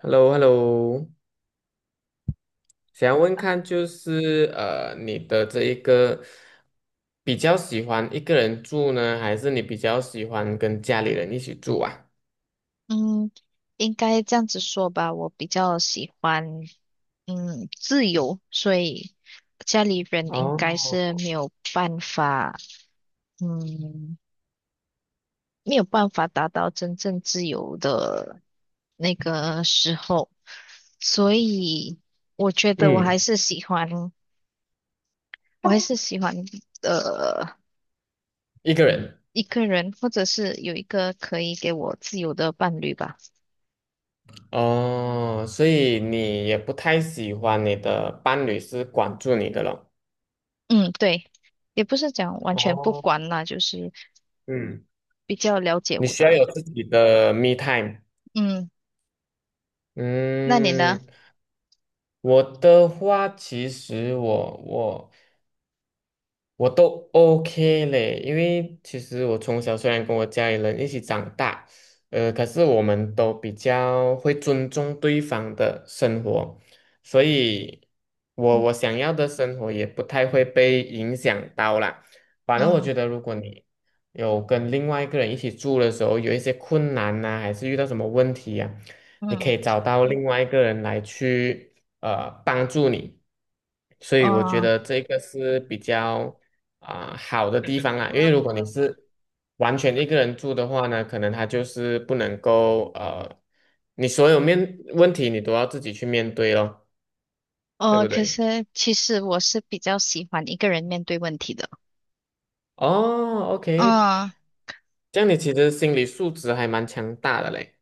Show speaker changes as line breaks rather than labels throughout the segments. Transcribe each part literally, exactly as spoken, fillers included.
h e l l o h e l l o 想要问看就是呃，你的这一个比较喜欢一个人住呢，还是你比较喜欢跟家里人一起住啊？
嗯，应该这样子说吧，我比较喜欢嗯自由，所以家里人应该是
哦。
没有办法，嗯，没有办法达到真正自由的那个时候，所以我觉得我还
嗯。
是喜欢，我还是喜欢呃
一个人。
一个人，或者是有一个可以给我自由的伴侣吧。
哦，所以你也不太喜欢你的伴侣是管住你的了。
嗯，对，也不是讲完全不
哦。
管啦，就是
嗯。
比较了解
你
我
需要
的。
有自己的 me time。
嗯。那你呢？
嗯。我的话，其实我我我都 OK 嘞，因为其实我从小虽然跟我家里人一起长大，呃，可是我们都比较会尊重对方的生活，所以我
嗯
我想要的生活也不太会被影响到啦。反正我
嗯
觉得，如果你有跟另外一个人一起住的时候，有一些困难呐、还是遇到什么问题呀、你可以
嗯
找到另外一个人来去呃帮助你。所以我觉
哦
得这个是比较啊、好的地方啊，因为如果你是完全一个人住的话呢，可能他就是不能够呃，你所有面问题你都要自己去面对咯，对
哦，
不
可
对？
是其实我是比较喜欢一个人面对问题的。
哦，OK，
嗯，
这样你其实心理素质还蛮强大的嘞。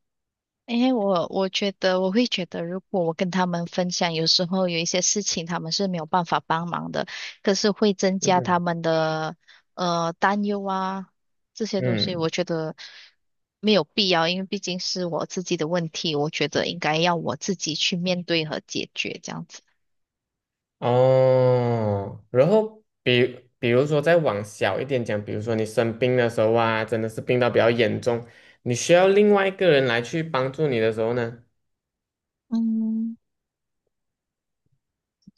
因为我我觉得我会觉得，如果我跟他们分享，有时候有一些事情他们是没有办法帮忙的，可是会增加他
嗯
们的呃担忧啊这些东西，我
嗯。
觉得没有必要，因为毕竟是我自己的问题，我觉得应该要我自己去面对和解决这样子。
哦，然后比比如说再往小一点讲，比如说你生病的时候啊，真的是病到比较严重，你需要另外一个人来去帮助你的时候呢，
嗯。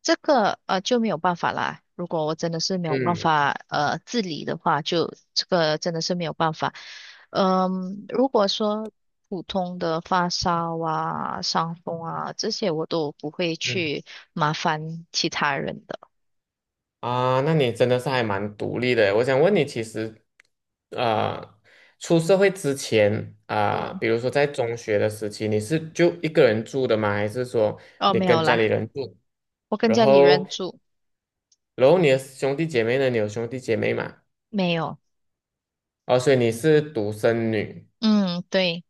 这个呃就没有办法啦。如果我真的是没有办
嗯。
法呃自理的话，就这个真的是没有办法。嗯，如果说普通的发烧啊、伤风啊这些，我都不会去麻烦其他人的。
啊，那你真的是还蛮独立的。我想问你，其实，呃，出社会之前啊，
嗯，
比如说在中学的时期，你是就一个人住的吗？还是说
哦，
你
没有
跟家里
啦，
人住？
我跟
然
家里
后，
人住，
然后你的兄弟姐妹呢？你有兄弟姐妹吗？
没有。
哦，所以你是独生女。
嗯，对，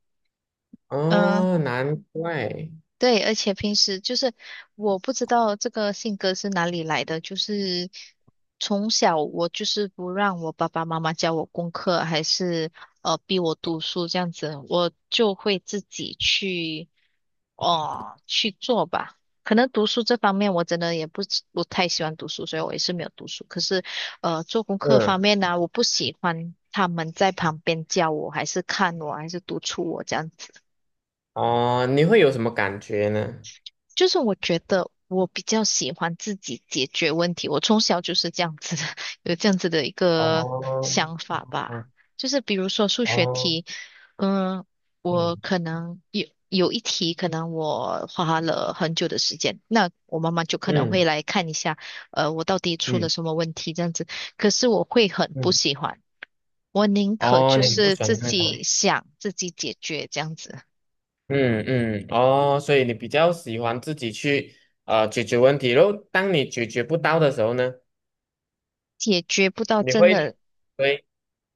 嗯、
哦，难怪。
对，而且平时就是我不知道这个性格是哪里来的，就是从小我就是不让我爸爸妈妈教我功课，还是呃逼我读书这样子，我就会自己去哦、去做吧。可能读书这方面我真的也不是不太喜欢读书，所以我也是没有读书。可是呃做功课方
嗯。
面呢、我不喜欢他们在旁边教我，还是看我，还是督促我这样
哦，你会有什么感觉呢？
就是我觉得我比较喜欢自己解决问题，我从小就是这样子的，有这样子的一个
哦。
想法吧。就是比如说数学
哦。
题，嗯，我
嗯
可能有有一题，可能我花了很久的时间，那我妈妈就可能会
嗯
来看一下，呃，我到底出了
嗯
什么问题这样子。可是我会很不
嗯。
喜欢，我宁可
哦，
就
你不
是
喜欢
自
那个。
己想，自己解决这样子，
嗯嗯。哦，所以你比较喜欢自己去呃解决问题，然后当你解决不到的时候呢，
解决不到
你
真
会
的
对。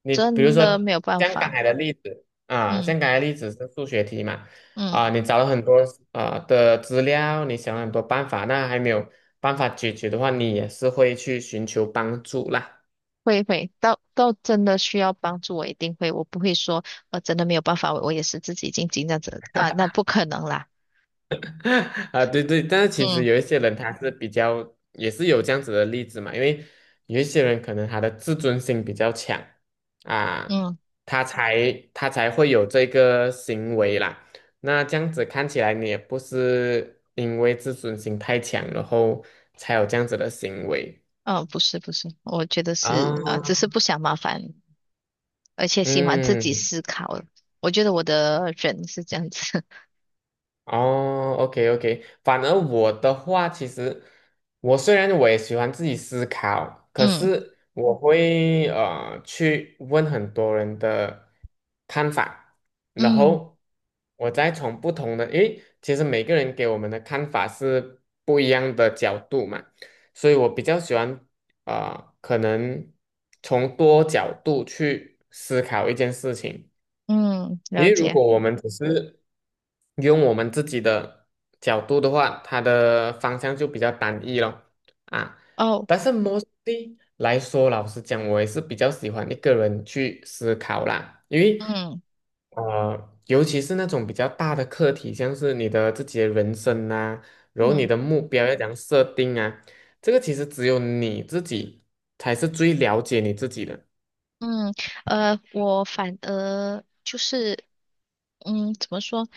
你比如
真
说
的没有办
像刚
法。
才的例子啊，
嗯
像刚才的例子是数学题嘛。
嗯，
啊，你找了很多啊、的资料，你想了很多办法，那还没有办法解决的话，你也是会去寻求帮助啦。
会会，到到真的需要帮助，我一定会，我不会说，呃，真的没有办法，我也是自己静静这样子啊，那不可能啦。
啊，对对，但是其实
嗯
有一些人他是比较也是有这样子的例子嘛，因为有一些人可能他的自尊心比较强啊，
嗯，
他才他才会有这个行为啦。那这样子看起来，你也不是因为自尊心太强，然后才有这样子的行为
嗯，不是不是，我觉得
啊。
是啊，呃只是不想麻烦，而且喜欢自己
嗯。
思考。我觉得我的人是这样子。
哦，OK OK，反而我的话，其实我虽然我也喜欢自己思考，可
嗯
是我会呃去问很多人的看法，然
嗯
后我再从不同的，诶，其实每个人给我们的看法是不一样的角度嘛，所以我比较喜欢呃可能从多角度去思考一件事情。
嗯，
因
了
为如
解。
果我们只是用我们自己的角度的话，它的方向就比较单一了啊。
哦，
但是 mostly 来说，老实讲，我也是比较喜欢一个人去思考啦，因为
嗯
呃，尤其是那种比较大的课题，像是你的自己的人生啊，然后你
嗯
的目标要怎样设定啊，这个其实只有你自己才是最了解你自己的。
嗯，呃，我反而就是，嗯，怎么说？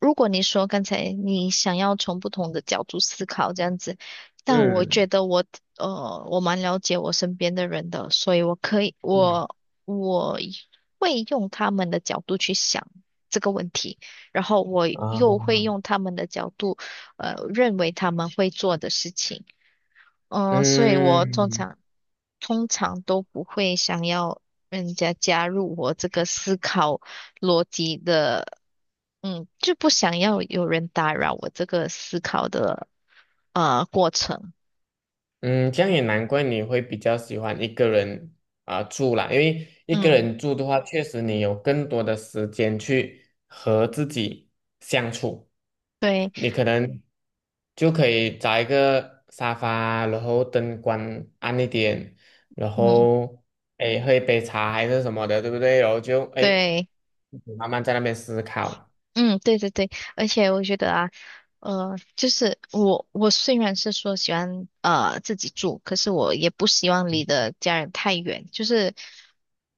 如果你说刚才你想要从不同的角度思考这样子，但我觉
嗯
得我呃我蛮了解我身边的人的，所以我可以
嗯。
我我会用他们的角度去想这个问题，然后我又会
啊。
用他们的角度呃认为他们会做的事情。嗯、所以我通
嗯。
常通常都不会想要人家加入我这个思考逻辑的，嗯，就不想要有人打扰我这个思考的呃过程。
嗯，这样也难怪你会比较喜欢一个人啊、住啦，因为一个
嗯，
人住的话，确实你有更多的时间去和自己相处，
对，
你可能就可以找一个沙发，然后灯光暗一点，然
嗯，
后诶喝一杯茶还是什么的，对不对？然后就诶
对。
慢慢在那边思考，
嗯，对对对，而且我觉得啊，呃，就是我我虽然是说喜欢呃自己住，可是我也不希望离的家人太远，就是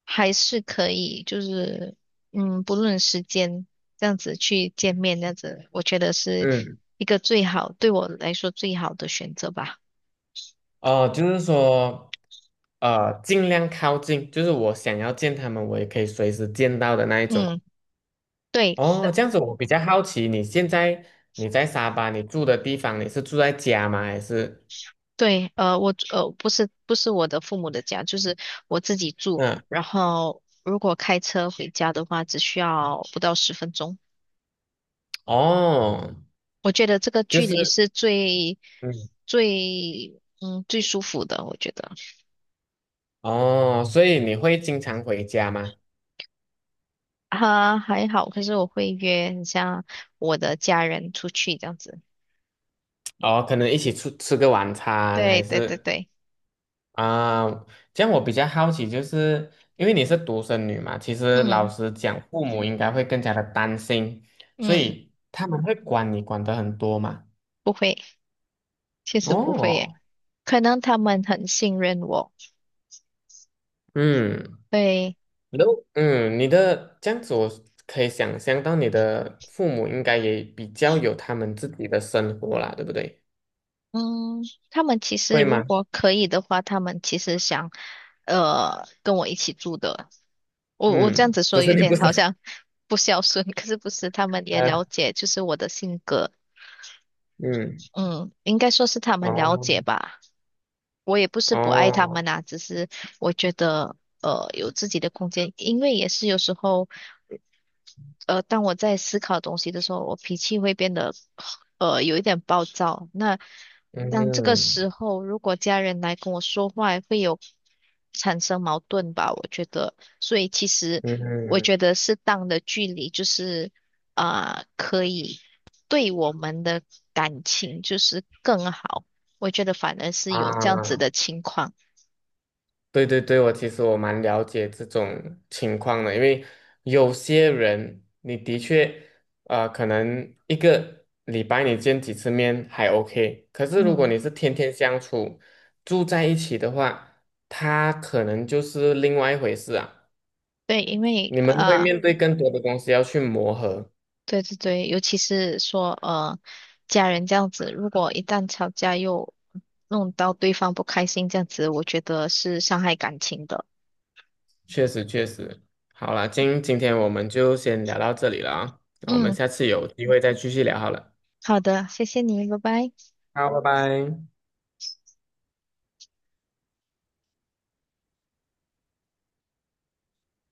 还是可以，就是嗯，不论时间这样子去见面，这样子我觉得是
嗯。
一个最好，对我来说最好的选择吧。
哦，就是说，呃，尽量靠近，就是我想要见他们，我也可以随时见到的那一种。
嗯，对。
哦，这样子我比较好奇，你现在你在沙巴，你住的地方，你是住在家吗？还是
对，呃，我呃不是不是我的父母的家，就是我自己住。
嗯。
然后如果开车回家的话，只需要不到十分钟。
哦，
我觉得这个
就
距离
是
是最
嗯。
最嗯最舒服的，我觉得
哦，所以你会经常回家吗？
哈还好。可是我会约很像我的家人出去这样子。
哦，可能一起出吃个晚餐，
对
还
对对
是？
对，
啊，这样我比较好奇，就是因为你是独生女嘛，其实老
嗯
实讲，父母应该会更加的担心，所
嗯，
以他们会管你管得很多嘛。
不会，确实不会耶。
哦。
可能他们很信任我，
嗯。
对。
然后嗯，你的这样子，我可以想象到你的父母应该也比较有他们自己的生活啦，对不对？
嗯，他们其实
会
如
吗？
果可以的话，他们其实想，呃，跟我一起住的。我我这样
嗯，
子说
只是
有
你
点
不想。
好像不孝顺，可是不是，他们 也
呃，
了解就是我的性格，
嗯。
嗯，应该说是他们了解
哦。
吧。我也不是不爱他
哦。
们啊，只是我觉得呃有自己的空间，因为也是有时候呃当我在思考东西的时候，我脾气会变得呃有一点暴躁。那当这个
嗯
时候，如果家人来跟我说话，会有产生矛盾吧？我觉得，所以其实
嗯
我
嗯。
觉得适当的距离就是啊、可以。对我们的感情就是更好。我觉得反而是有这样子
啊。
的情况。
对对对，我其实我蛮了解这种情况的，因为有些人你的确，呃，可能一个礼拜你见几次面还 OK，可是如果
嗯
你是天天相处，住在一起的话，他可能就是另外一回事啊。
对，因为
你们会
呃，
面对更多的东西要去磨合，
对对对，尤其是说呃，家人这样子，如果一旦吵架又弄到对方不开心，这样子，我觉得是伤害感情的。
确实确实。好了，今今天我们就先聊到这里了啊，那我们
嗯，
下次有机会再继续聊好了。
好的，谢谢你，拜拜。
好，拜拜。